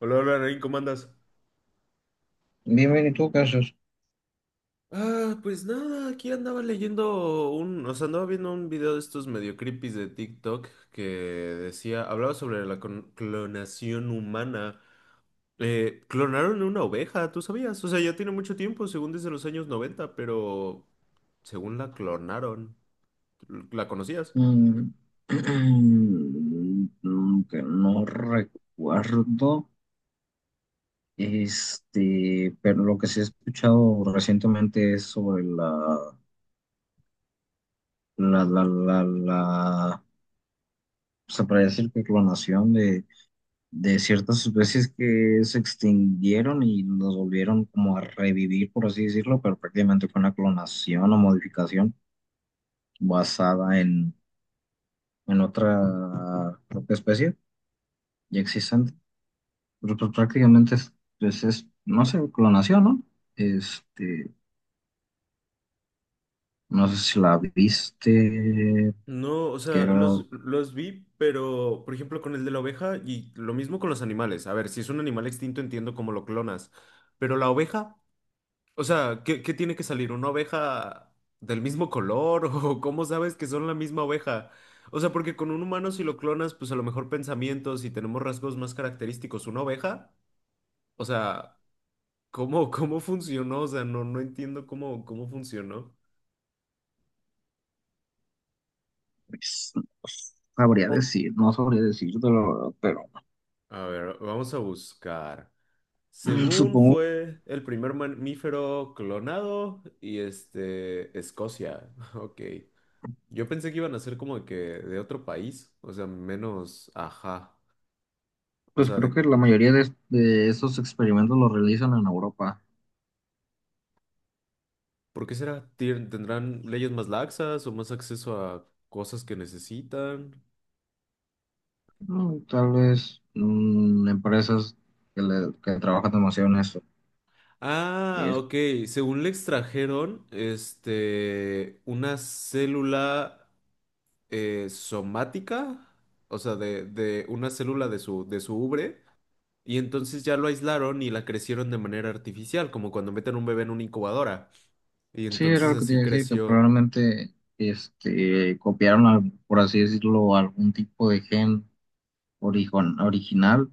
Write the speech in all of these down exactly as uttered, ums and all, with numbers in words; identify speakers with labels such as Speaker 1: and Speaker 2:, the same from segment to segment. Speaker 1: Hola, hola, Nain, ¿cómo andas?
Speaker 2: Bien, bien, ¿y tú qué haces?
Speaker 1: Ah, pues nada, aquí andaba leyendo un, o sea, andaba viendo un video de estos medio creepies de TikTok que decía, hablaba sobre la con- clonación humana. Eh, clonaron una oveja, ¿tú sabías? O sea, ya tiene mucho tiempo, según desde los años noventa, pero según la clonaron, ¿la conocías?
Speaker 2: Mm, mm, que no recuerdo, este, pero lo que sí he escuchado recientemente es sobre la, la, la, la, la, se podría decir que clonación de, de ciertas especies que se extinguieron y las volvieron como a revivir, por así decirlo, pero prácticamente fue una clonación o modificación basada en, en otra propia especie ya existente. Pero pues prácticamente es, pues, es, no sé, clonación, ¿no? Este, no sé si la viste,
Speaker 1: No, o
Speaker 2: que
Speaker 1: sea,
Speaker 2: era,
Speaker 1: los, los vi, pero por ejemplo con el de la oveja y lo mismo con los animales. A ver, si es un animal extinto entiendo cómo lo clonas, pero la oveja. O sea, ¿qué, qué tiene que salir? ¿Una oveja del mismo color? ¿O cómo sabes que son la misma oveja? O sea, porque con un humano si lo clonas, pues a lo mejor pensamientos y tenemos rasgos más característicos. ¿Una oveja? O sea, ¿cómo, cómo funcionó? O sea, no, no entiendo cómo, cómo funcionó.
Speaker 2: pues, no sabría
Speaker 1: O-
Speaker 2: decir, no sabría decirte la verdad, pero
Speaker 1: A ver, vamos a buscar.
Speaker 2: mm,
Speaker 1: Según
Speaker 2: supongo,
Speaker 1: fue el primer mamífero clonado y este, Escocia. Ok. Yo pensé que iban a ser como de que de otro país, o sea, menos, ajá, o
Speaker 2: pues
Speaker 1: sea,
Speaker 2: creo
Speaker 1: de,
Speaker 2: que la mayoría de, de estos experimentos los realizan en Europa.
Speaker 1: ¿por qué será? ¿Tien- ¿Tendrán leyes más laxas o más acceso a cosas que necesitan?
Speaker 2: Mm, Tal vez mm, empresas que, le- que trabajan demasiado en eso. Y
Speaker 1: Ah,
Speaker 2: es-
Speaker 1: ok, según le extrajeron, este, una célula eh, somática, o sea, de, de una célula de su, de su ubre, y entonces ya lo aislaron y la crecieron de manera artificial, como cuando meten un bebé en una incubadora, y
Speaker 2: sí, era
Speaker 1: entonces
Speaker 2: lo que te
Speaker 1: así
Speaker 2: iba a decir, que
Speaker 1: creció.
Speaker 2: probablemente este, copiaron, al- por así decirlo, algún tipo de gen origon- original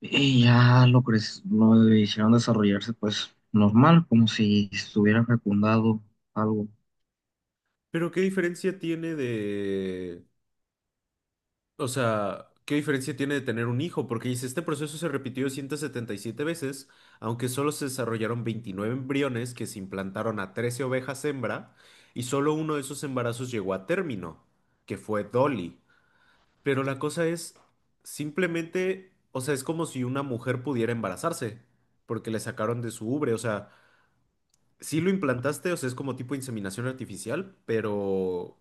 Speaker 2: y ya lo, cre- lo hicieron desarrollarse pues normal, como si estuviera fecundado algo.
Speaker 1: Pero ¿qué diferencia tiene de? O sea, ¿qué diferencia tiene de tener un hijo? Porque dice, este proceso se repitió ciento setenta y siete veces, aunque solo se desarrollaron veintinueve embriones que se implantaron a trece ovejas hembra, y solo uno de esos embarazos llegó a término, que fue Dolly. Pero la cosa es, simplemente, o sea, es como si una mujer pudiera embarazarse, porque le sacaron de su ubre, o sea, sí lo implantaste, o sea, es como tipo inseminación artificial, pero.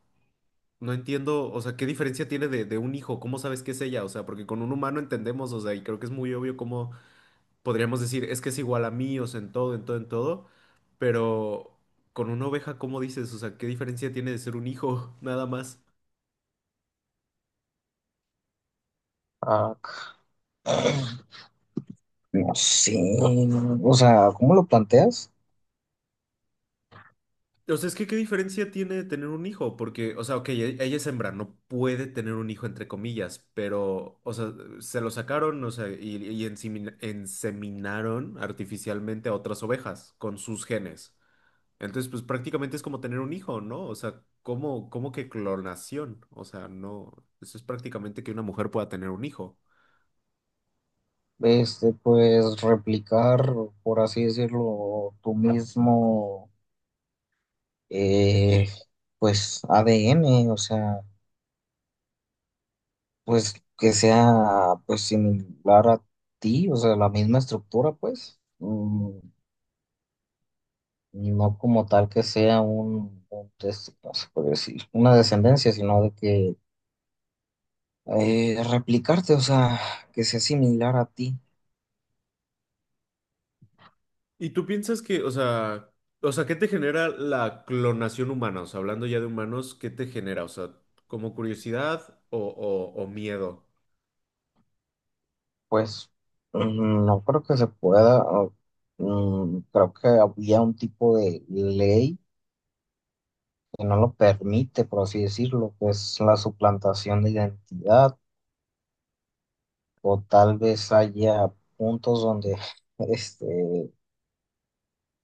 Speaker 1: No entiendo, o sea, ¿qué diferencia tiene de, de un hijo? ¿Cómo sabes que es ella? O sea, porque con un humano entendemos, o sea, y creo que es muy obvio cómo podríamos decir, es que es igual a mí, o sea, en todo, en todo, en todo, pero con una oveja, ¿cómo dices? O sea, ¿qué diferencia tiene de ser un hijo? Nada más.
Speaker 2: Ah, no sé, o sea, ¿cómo lo planteas?
Speaker 1: O sea, es que ¿qué diferencia tiene de tener un hijo? Porque, o sea, ok, e- ella es hembra, no puede tener un hijo, entre comillas, pero, o sea, se lo sacaron, o sea, y, y ensemin- enseminaron artificialmente a otras ovejas con sus genes. Entonces, pues prácticamente es como tener un hijo, ¿no? O sea, ¿cómo, cómo que clonación? O sea, no, eso es prácticamente que una mujer pueda tener un hijo.
Speaker 2: Este, pues replicar, por así decirlo, tu mismo, eh, pues A D N, o sea, pues que sea, pues similar a ti, o sea, la misma estructura, pues. Mm, no como tal que sea un, un test- no se puede decir, una descendencia, sino de que eh, replicarte, o sea, que sea similar a ti,
Speaker 1: ¿Y tú piensas que, o sea, o sea, qué te genera la clonación humana? O sea, hablando ya de humanos, ¿qué te genera? O sea, ¿como curiosidad o, o, o miedo?
Speaker 2: pues mm, no creo que se pueda. O, mm, creo que había un tipo de ley que no lo permite, por así decirlo, que es la suplantación de identidad, o tal vez haya puntos donde este,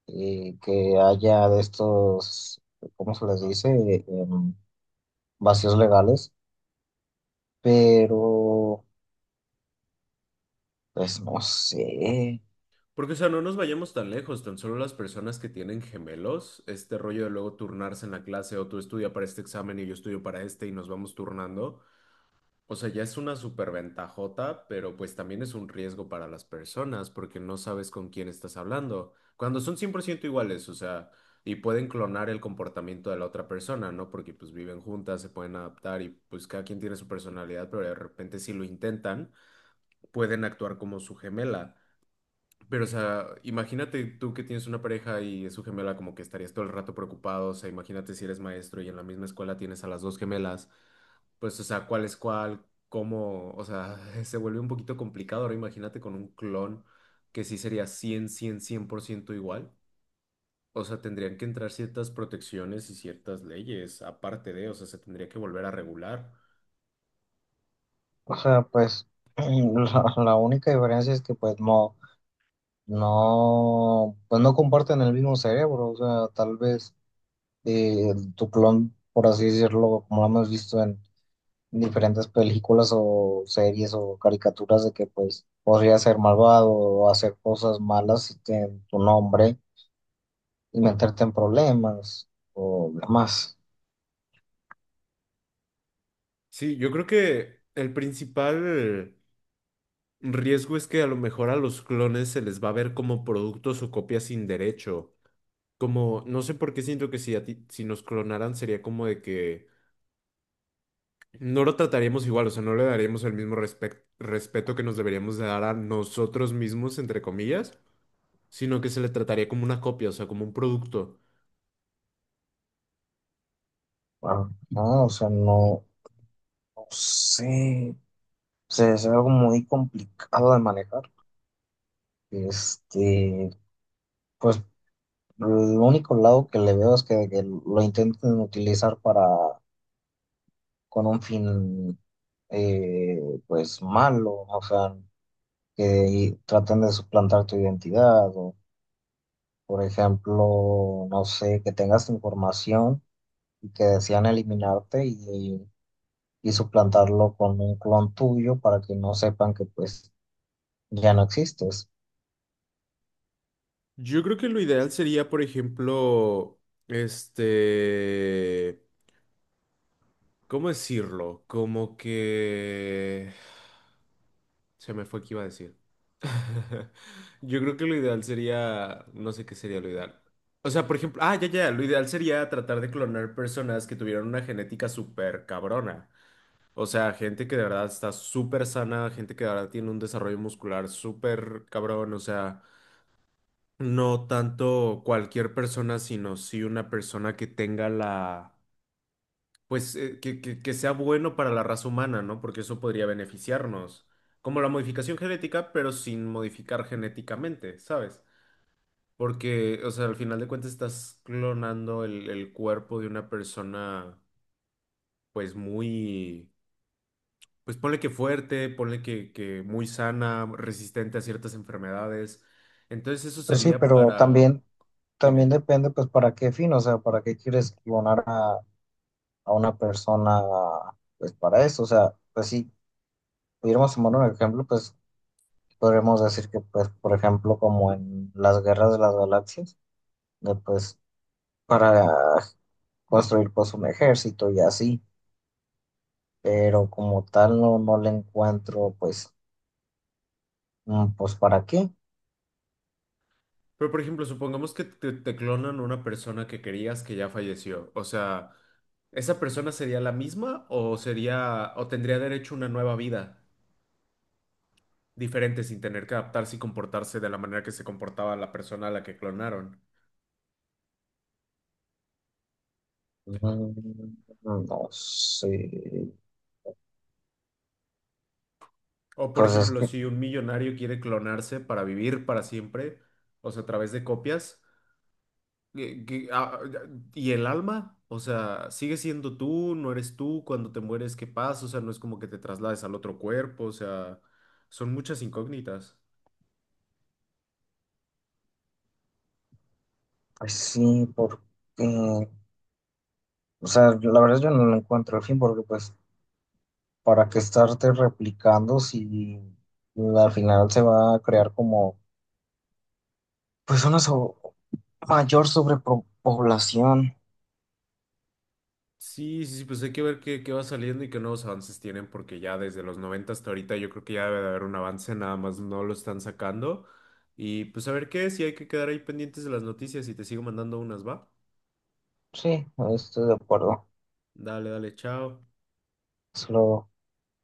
Speaker 2: eh, que haya de estos, ¿cómo se les dice? Em, vacíos legales, pero pues no sé.
Speaker 1: Porque, o sea, no nos vayamos tan lejos, tan solo las personas que tienen gemelos, este rollo de luego turnarse en la clase o tú estudia para este examen y yo estudio para este y nos vamos turnando. O sea, ya es una superventajota, pero pues también es un riesgo para las personas porque no sabes con quién estás hablando. Cuando son cien por ciento iguales, o sea, y pueden clonar el comportamiento de la otra persona, ¿no? Porque pues viven juntas, se pueden adaptar y pues cada quien tiene su personalidad, pero de repente si lo intentan, pueden actuar como su gemela. Pero, o sea, imagínate tú que tienes una pareja y es su gemela, como que estarías todo el rato preocupado. O sea, imagínate si eres maestro y en la misma escuela tienes a las dos gemelas. Pues, o sea, ¿cuál es cuál? ¿Cómo? O sea, se vuelve un poquito complicado. Ahora imagínate con un clon que sí sería cien cien cien por ciento igual. O sea, tendrían que entrar ciertas protecciones y ciertas leyes, aparte de, o sea, se tendría que volver a regular.
Speaker 2: O sea, pues la, la única diferencia es que pues no, no, pues no comparten el mismo cerebro. O sea, tal vez eh, tu clon, por así decirlo, como lo hemos visto en diferentes películas o series o caricaturas de que pues podría ser malvado o hacer cosas malas en tu nombre y meterte en problemas o demás.
Speaker 1: Sí, yo creo que el principal riesgo es que a lo mejor a los clones se les va a ver como productos o copias sin derecho. Como, no sé por qué siento que si, a ti- si nos clonaran sería como de que no lo trataríamos igual, o sea, no le daríamos el mismo respec- respeto que nos deberíamos de dar a nosotros mismos, entre comillas, sino que se le trataría como una copia, o sea, como un producto.
Speaker 2: Bueno, no, o sea, no. Sí, se es algo muy complicado de manejar. Este, pues el único lado que le veo es que, que lo intenten utilizar para con un fin eh, pues malo, o sea, que traten de suplantar tu identidad, o por ejemplo, no sé, que tengas información y que desean eliminarte y, y suplantarlo con un clon tuyo para que no sepan que pues ya no existes.
Speaker 1: Yo creo que lo ideal sería, por ejemplo, este. ¿Cómo decirlo? Como que. Se me fue que iba a decir. Yo creo que lo ideal sería, no sé qué sería lo ideal. O sea, por ejemplo, ah, ya, ya, lo ideal sería tratar de clonar personas que tuvieran una genética súper cabrona. O sea, gente que de verdad está súper sana, gente que de verdad tiene un desarrollo muscular súper cabrón. O sea, no tanto cualquier persona, sino sí una persona que tenga la pues eh, que, que- que sea bueno para la raza humana, ¿no? Porque eso podría beneficiarnos, como la modificación genética, pero sin modificar genéticamente, ¿sabes? Porque, o sea, al final de cuentas estás clonando el, el cuerpo de una persona, pues muy, pues ponle que fuerte, ponle que, que muy sana, resistente a ciertas enfermedades. Entonces eso
Speaker 2: Pues sí,
Speaker 1: sería
Speaker 2: pero
Speaker 1: para,
Speaker 2: también, también
Speaker 1: dime,
Speaker 2: depende pues para qué fin, o sea, para qué quieres clonar a, a una persona pues para eso, o sea, pues si pudiéramos tomar un ejemplo, pues podríamos decir que pues por ejemplo como en las guerras de las galaxias, de, pues para construir pues un ejército y así, pero como tal no, no le encuentro pues, mm, pues para qué,
Speaker 1: pero por ejemplo, supongamos que te, te clonan una persona que querías que ya falleció, o sea. ¿Esa persona sería la misma o sería o tendría derecho a una nueva vida diferente sin tener que adaptarse y comportarse de la manera que se comportaba la persona a la que clonaron?
Speaker 2: Mm, no sé,
Speaker 1: O por
Speaker 2: pues es
Speaker 1: ejemplo,
Speaker 2: que
Speaker 1: si un millonario quiere clonarse para vivir para siempre, o sea, a través de copias, ¿qué- qué- ah, ah, ¿y el alma? O sea, ¿sigue siendo tú? ¿No eres tú? Cuando te mueres, ¿qué pasa? O sea, no es como que te traslades al otro cuerpo, o sea, son muchas incógnitas.
Speaker 2: pues sí, porque... O sea, la verdad yo no lo encuentro el fin porque pues, ¿para qué estarte replicando si al final se va a crear como, pues, una so- mayor sobrepoblación?
Speaker 1: Sí, sí, sí, pues hay que ver qué, qué va saliendo y qué nuevos avances tienen, porque ya desde los noventa hasta ahorita yo creo que ya debe de haber un avance, nada más no lo están sacando. Y pues a ver qué, si hay que quedar ahí pendientes de las noticias y te sigo mandando unas, ¿va?
Speaker 2: Sí, estoy de acuerdo.
Speaker 1: Dale, dale, chao.
Speaker 2: Solo